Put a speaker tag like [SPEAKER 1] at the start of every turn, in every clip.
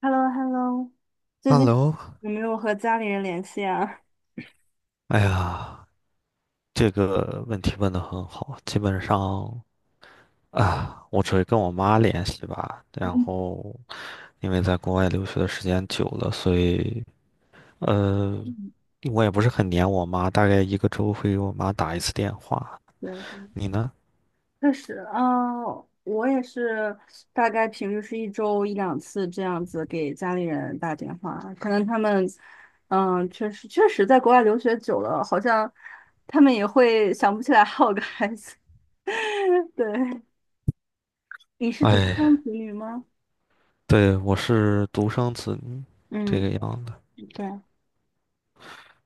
[SPEAKER 1] h e l l o h e l l o 最近
[SPEAKER 2] Hello，
[SPEAKER 1] 有没有和家里人联系啊？
[SPEAKER 2] 哎呀，这个问题问得很好。基本上我只会跟我妈联系吧。然
[SPEAKER 1] 嗯
[SPEAKER 2] 后，因为在国外留学的时间久了，所以呃，
[SPEAKER 1] 嗯，
[SPEAKER 2] 我也不是很黏我妈，大概一个周会给我妈打一次电话。
[SPEAKER 1] 对对，
[SPEAKER 2] 你呢？
[SPEAKER 1] 确实，啊，我也是，大概平时是一周一两次这样子给家里人打电话。可能他们，嗯、确实在国外留学久了，好像他们也会想不起来还有个孩子。对，你是独
[SPEAKER 2] 哎，
[SPEAKER 1] 生子女吗？
[SPEAKER 2] 对，我是独生子女，这
[SPEAKER 1] 嗯，
[SPEAKER 2] 个样子。
[SPEAKER 1] 对。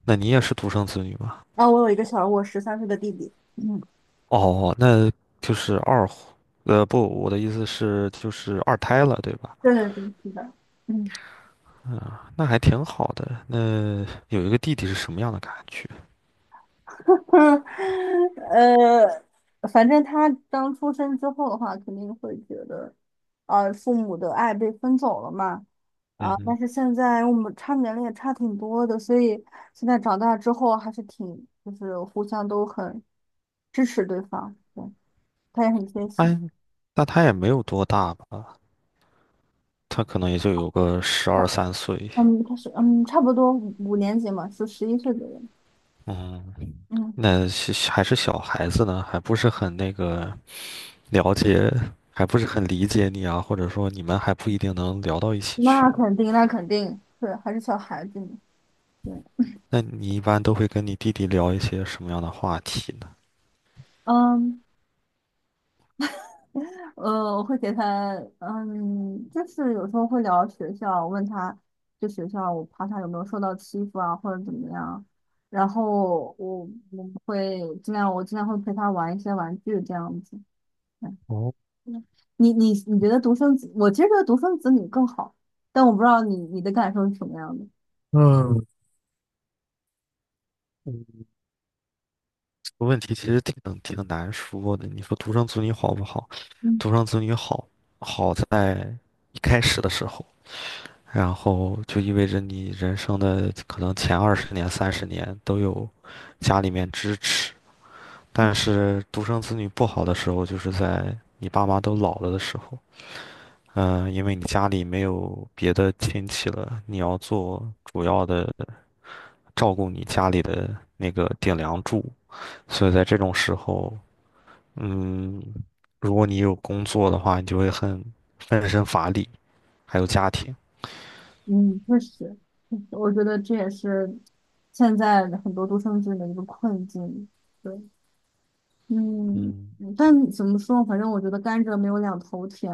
[SPEAKER 2] 那你也是独生子女吗？
[SPEAKER 1] 啊、我有一个小我13岁的弟弟。嗯，
[SPEAKER 2] 哦，那就是二婚，呃，不，我的意思是就是二胎了，对吧？
[SPEAKER 1] 对对对，是的。嗯。
[SPEAKER 2] 啊，那还挺好的。那有一个弟弟是什么样的感觉？
[SPEAKER 1] 呃，反正他刚出生之后的话，肯定会觉得，父母的爱被分走了嘛。
[SPEAKER 2] 嗯
[SPEAKER 1] 啊、但
[SPEAKER 2] 哼，
[SPEAKER 1] 是现在我们差年龄也差挺多的，所以现在长大之后还是挺，就是互相都很支持对方，对，他也很贴心。
[SPEAKER 2] 哎，那他也没有多大吧？他可能也就有个12、13岁。
[SPEAKER 1] 嗯，他是嗯，差不多五年级嘛，是11岁左右。
[SPEAKER 2] 嗯，
[SPEAKER 1] 嗯，
[SPEAKER 2] 那是还是小孩子呢，还不是很那个了解，还不是很理解你啊，或者说你们还不一定能聊到一起
[SPEAKER 1] 那
[SPEAKER 2] 去。
[SPEAKER 1] 肯定，那肯定，对，还是小孩子呢。对。
[SPEAKER 2] 那你一般都会跟你弟弟聊一些什么样的话题呢？
[SPEAKER 1] 嗯。我会给他，嗯，就是有时候会聊学校，问他就学校，我怕他有没有受到欺负啊，或者怎么样。然后我会尽量，我尽量会陪他玩一些玩具这样子。嗯。
[SPEAKER 2] 哦，
[SPEAKER 1] 嗯，你觉得独生子，我其实觉得独生子女更好，但我不知道你的感受是什么样的。
[SPEAKER 2] 嗯。个问题其实挺难说的。你说独生子女好不好？
[SPEAKER 1] 嗯
[SPEAKER 2] 独生子女好，好在一开始的时候，然后就意味着你人生的可能前20年、30年都有家里面支持。但是独生子女不好的时候，就是在你爸妈都老了的时候，嗯、因为你家里没有别的亲戚了，你要做主要的照顾你家里的那个顶梁柱，所以在这种时候。嗯，如果你有工作的话，你就会很分身乏力，还有家庭。
[SPEAKER 1] 嗯，确实，我觉得这也是现在很多独生子女的一个困境。对。嗯，
[SPEAKER 2] 嗯，
[SPEAKER 1] 嗯,但怎么说，反正我觉得甘蔗没有两头甜，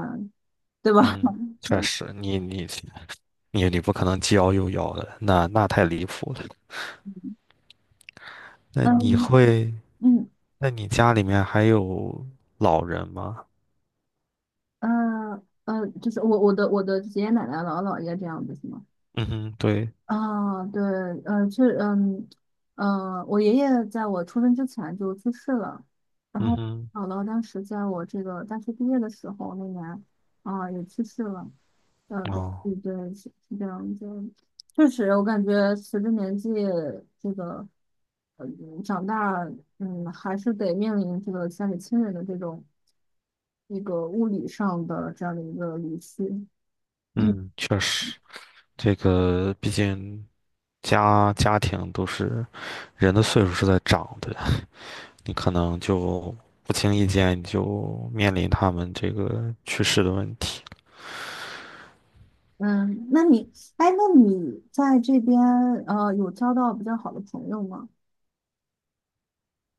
[SPEAKER 1] 对吧？
[SPEAKER 2] 嗯，确
[SPEAKER 1] 嗯
[SPEAKER 2] 实，你不可能既要又要的，那太离谱了。那你
[SPEAKER 1] 嗯
[SPEAKER 2] 会，
[SPEAKER 1] 嗯
[SPEAKER 2] 那你家里面还有老人吗？
[SPEAKER 1] 嗯，就是我的爷爷奶奶姥姥姥爷这样子是吗？
[SPEAKER 2] 嗯哼，对，
[SPEAKER 1] 啊，对，是，嗯，我爷爷在我出生之前就去世了，然后
[SPEAKER 2] 嗯哼，
[SPEAKER 1] 姥姥当时在我这个大学毕业的时候那年，啊、也去世了。嗯、对
[SPEAKER 2] 哦，
[SPEAKER 1] 对对，是这样就确实，我感觉随着年纪这个，嗯，长大，嗯，还是得面临这个家里亲人的这种一个物理上的这样的一个离去。
[SPEAKER 2] 嗯，确实，这个毕竟家庭都是人的岁数是在长的，你可能就不经意间你就面临他们这个去世的问题。
[SPEAKER 1] 嗯，那你在这边有交到比较好的朋友吗？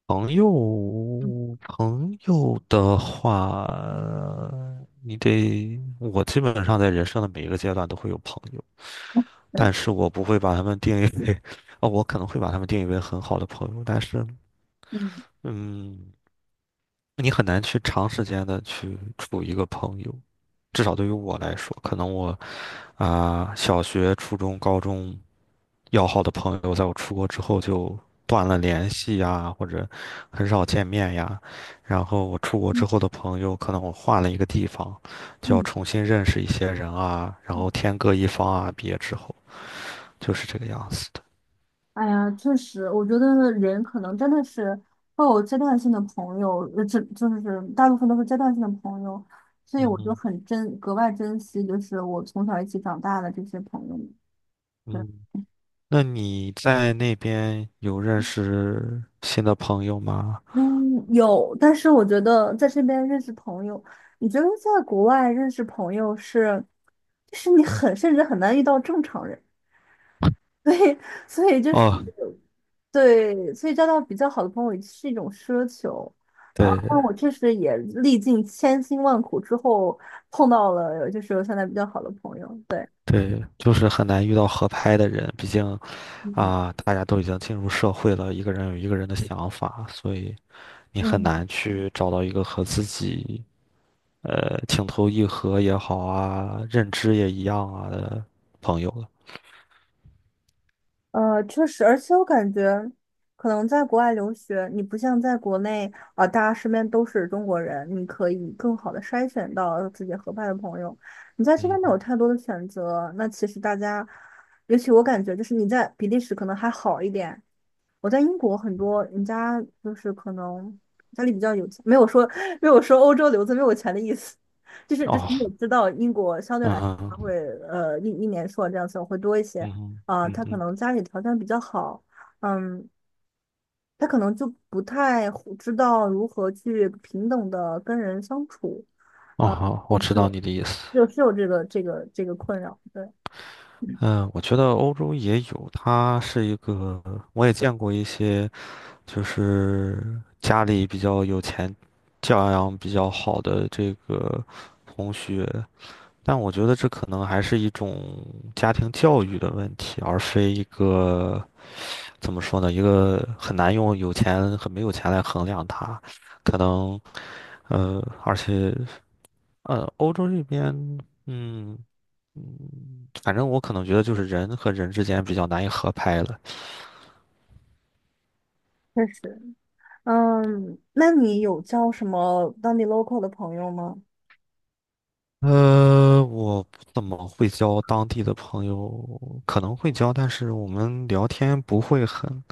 [SPEAKER 2] 朋友，朋友的话，你得，我基本上在人生的每一个阶段都会有朋友，但是 我不会把他们定义为，哦，我可能会把他们定义为很好的朋友，但是，
[SPEAKER 1] 嗯
[SPEAKER 2] 嗯。你很难去长时间的去处一个朋友，至少对于我来说，可能我小学、初中、高中要好的朋友，在我出国之后就断了联系呀，或者很少见面呀。然后我出国
[SPEAKER 1] 嗯
[SPEAKER 2] 之后的朋友，可能我换了一个地方，就要
[SPEAKER 1] 嗯，
[SPEAKER 2] 重新认识一些人啊，然后天各一方啊。毕业之后就是这个样子的。
[SPEAKER 1] 哎呀，确实，我觉得人可能真的是会有阶段性的朋友，这就是大部分都是阶段性的朋友，所以
[SPEAKER 2] 嗯
[SPEAKER 1] 我就
[SPEAKER 2] 嗯
[SPEAKER 1] 很珍，格外珍惜，就是我从小一起长大的这些朋友们。对。
[SPEAKER 2] 嗯，那你在那边有认识新的朋友吗？
[SPEAKER 1] 嗯，有，但是我觉得在这边认识朋友，你觉得在国外认识朋友是，就是你很，甚至很难遇到正常人。所以所以就是
[SPEAKER 2] 哦，
[SPEAKER 1] 对，所以交到比较好的朋友也是一种奢求。啊，
[SPEAKER 2] 对
[SPEAKER 1] 那我确实也历尽千辛万苦之后碰到了，就是我现在比较好的朋友。对，
[SPEAKER 2] 对，就是很难遇到合拍的人，毕竟
[SPEAKER 1] 嗯
[SPEAKER 2] 啊，大家都已经进入社会了，一个人有一个人的想法，所以你很
[SPEAKER 1] 嗯，
[SPEAKER 2] 难去找到一个和自己情投意合也好啊，认知也一样啊的朋友了。
[SPEAKER 1] 确实，而且我感觉可能在国外留学，你不像在国内啊、大家身边都是中国人，你可以更好的筛选到自己合拍的朋友。你在身边没有
[SPEAKER 2] 嗯，
[SPEAKER 1] 太多的选择，那其实大家，尤其我感觉就是你在比利时可能还好一点。我在英国很多人家就是可能家里比较有钱，没有说欧洲留子没有钱的意思。就是
[SPEAKER 2] 哦，
[SPEAKER 1] 你也知道英国相对
[SPEAKER 2] 嗯
[SPEAKER 1] 来说它会
[SPEAKER 2] 哼，
[SPEAKER 1] 一年硕这样子会多一些，
[SPEAKER 2] 嗯哼，
[SPEAKER 1] 啊、
[SPEAKER 2] 嗯
[SPEAKER 1] 他可
[SPEAKER 2] 哼，
[SPEAKER 1] 能家里条件比较好，嗯，他可能就不太会知道如何去平等的跟人相处，
[SPEAKER 2] 哦，好，我
[SPEAKER 1] 就是
[SPEAKER 2] 知道
[SPEAKER 1] 有
[SPEAKER 2] 你的意思。
[SPEAKER 1] 就是有这个困扰，对，
[SPEAKER 2] 嗯，我觉得欧洲也有，它是一个，我也见过一些就是家里比较有钱，教养比较好的这个同学，但我觉得这可能还是一种家庭教育的问题，而非一个怎么说呢，一个很难用有钱和没有钱来衡量它，可能而且欧洲这边，嗯反正我可能觉得就是人和人之间比较难以合拍了。
[SPEAKER 1] 确实。嗯，那你有交什么当地 local 的朋友吗？
[SPEAKER 2] 我不怎么会交当地的朋友，可能会交，但是我们聊天不会很，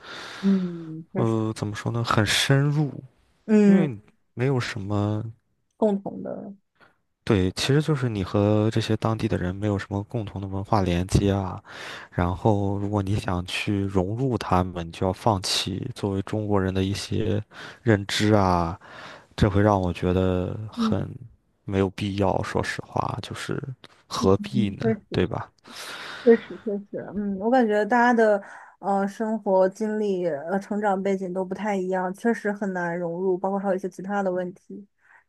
[SPEAKER 1] 嗯，确实。
[SPEAKER 2] 怎么说呢，很深入，因
[SPEAKER 1] 嗯，
[SPEAKER 2] 为没有什么，
[SPEAKER 1] 共同的。
[SPEAKER 2] 对，其实就是你和这些当地的人没有什么共同的文化连接啊。然后，如果你想去融入他们，你就要放弃作为中国人的一些认知啊，这会让我觉得
[SPEAKER 1] 嗯，
[SPEAKER 2] 很没有必要，说实话，就是何必
[SPEAKER 1] 嗯,确
[SPEAKER 2] 呢，对
[SPEAKER 1] 实，
[SPEAKER 2] 吧？
[SPEAKER 1] 确实，确实，嗯，我感觉大家的生活经历、成长背景都不太一样，确实很难融入，包括还有一些其他的问题，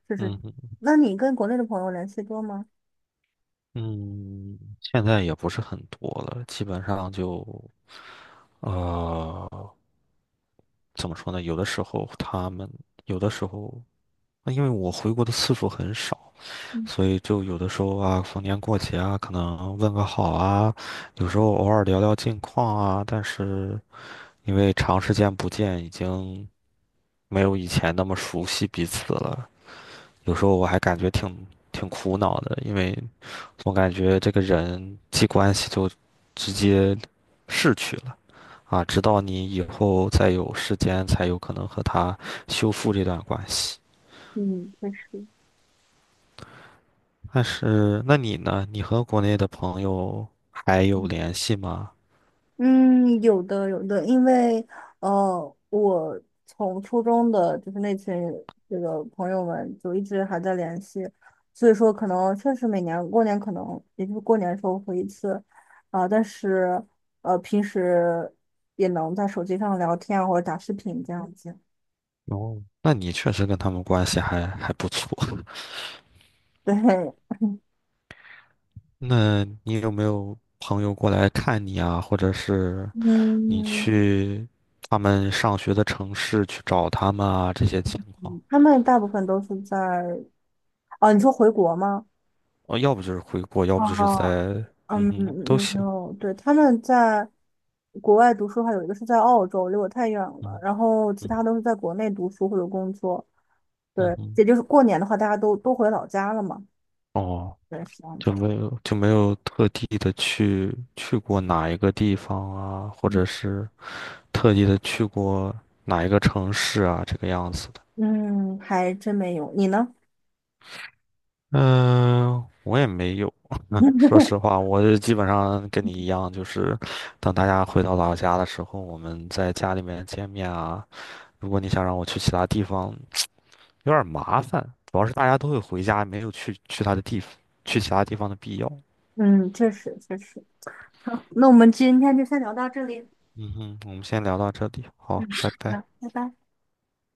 [SPEAKER 1] 就是，
[SPEAKER 2] 嗯
[SPEAKER 1] 那你跟国内的朋友联系多吗？
[SPEAKER 2] 嗯，现在也不是很多了，基本上就，呃，怎么说呢？有的时候他们，有的时候，那因为我回国的次数很少，
[SPEAKER 1] 嗯。
[SPEAKER 2] 所以就有的时候啊，逢年过节啊，可能问个好啊，有时候偶尔聊聊近况啊，但是因为长时间不见，已经没有以前那么熟悉彼此了。有时候我还感觉挺苦恼的，因为总感觉这个人际关系就直接逝去了啊，直到你以后再有时间，才有可能和他修复这段关系。
[SPEAKER 1] 嗯，确实。
[SPEAKER 2] 但是，那你呢？你和国内的朋友还有联系吗？
[SPEAKER 1] 嗯，有的有的，因为我从初中的就是那群这个朋友们就一直还在联系，所以说可能确实每年过年可能也就是过年的时候回一次，啊、但是平时也能在手机上聊天啊或者打视频这样子。
[SPEAKER 2] 哦，那你确实跟他们关系还不错。
[SPEAKER 1] 对。
[SPEAKER 2] 那你有没有朋友过来看你啊？或者是你
[SPEAKER 1] 嗯，
[SPEAKER 2] 去他们上学的城市去找他们啊？这些情况。
[SPEAKER 1] 他们大部分都是在，啊，你说回国吗？
[SPEAKER 2] 哦，要不就是回国，要不就是在，
[SPEAKER 1] 哦，
[SPEAKER 2] 嗯
[SPEAKER 1] 嗯，
[SPEAKER 2] 哼，都
[SPEAKER 1] 没
[SPEAKER 2] 行，
[SPEAKER 1] 有，对，他们在国外读书的话，有一个是在澳洲，离我太远了，
[SPEAKER 2] 嗯
[SPEAKER 1] 然后其
[SPEAKER 2] 嗯
[SPEAKER 1] 他都是在国内读书或者工作。
[SPEAKER 2] 嗯
[SPEAKER 1] 对，
[SPEAKER 2] 哼，
[SPEAKER 1] 也就是过年的话，大家都回老家了嘛。
[SPEAKER 2] 哦，
[SPEAKER 1] 对，是这样
[SPEAKER 2] 就
[SPEAKER 1] 子。
[SPEAKER 2] 没有特地的去过哪一个地方啊，或者是特地的去过哪一个城市啊，这个样子的。
[SPEAKER 1] 嗯，还真没有。你呢？
[SPEAKER 2] 嗯，我也没有。说 实话，我就基本上跟你一样，就是等大家回到老家的时候，我们在家里面见面啊。如果你想让我去其他地方，有点麻烦，主要是大家都会回家，没有去他的地方，去其他地方的必要。
[SPEAKER 1] 嗯，确实确实。好，那我们今天就先聊到这里。
[SPEAKER 2] 嗯哼，我们先聊到这里，
[SPEAKER 1] 嗯，
[SPEAKER 2] 好，拜
[SPEAKER 1] 好
[SPEAKER 2] 拜。
[SPEAKER 1] 的拜拜。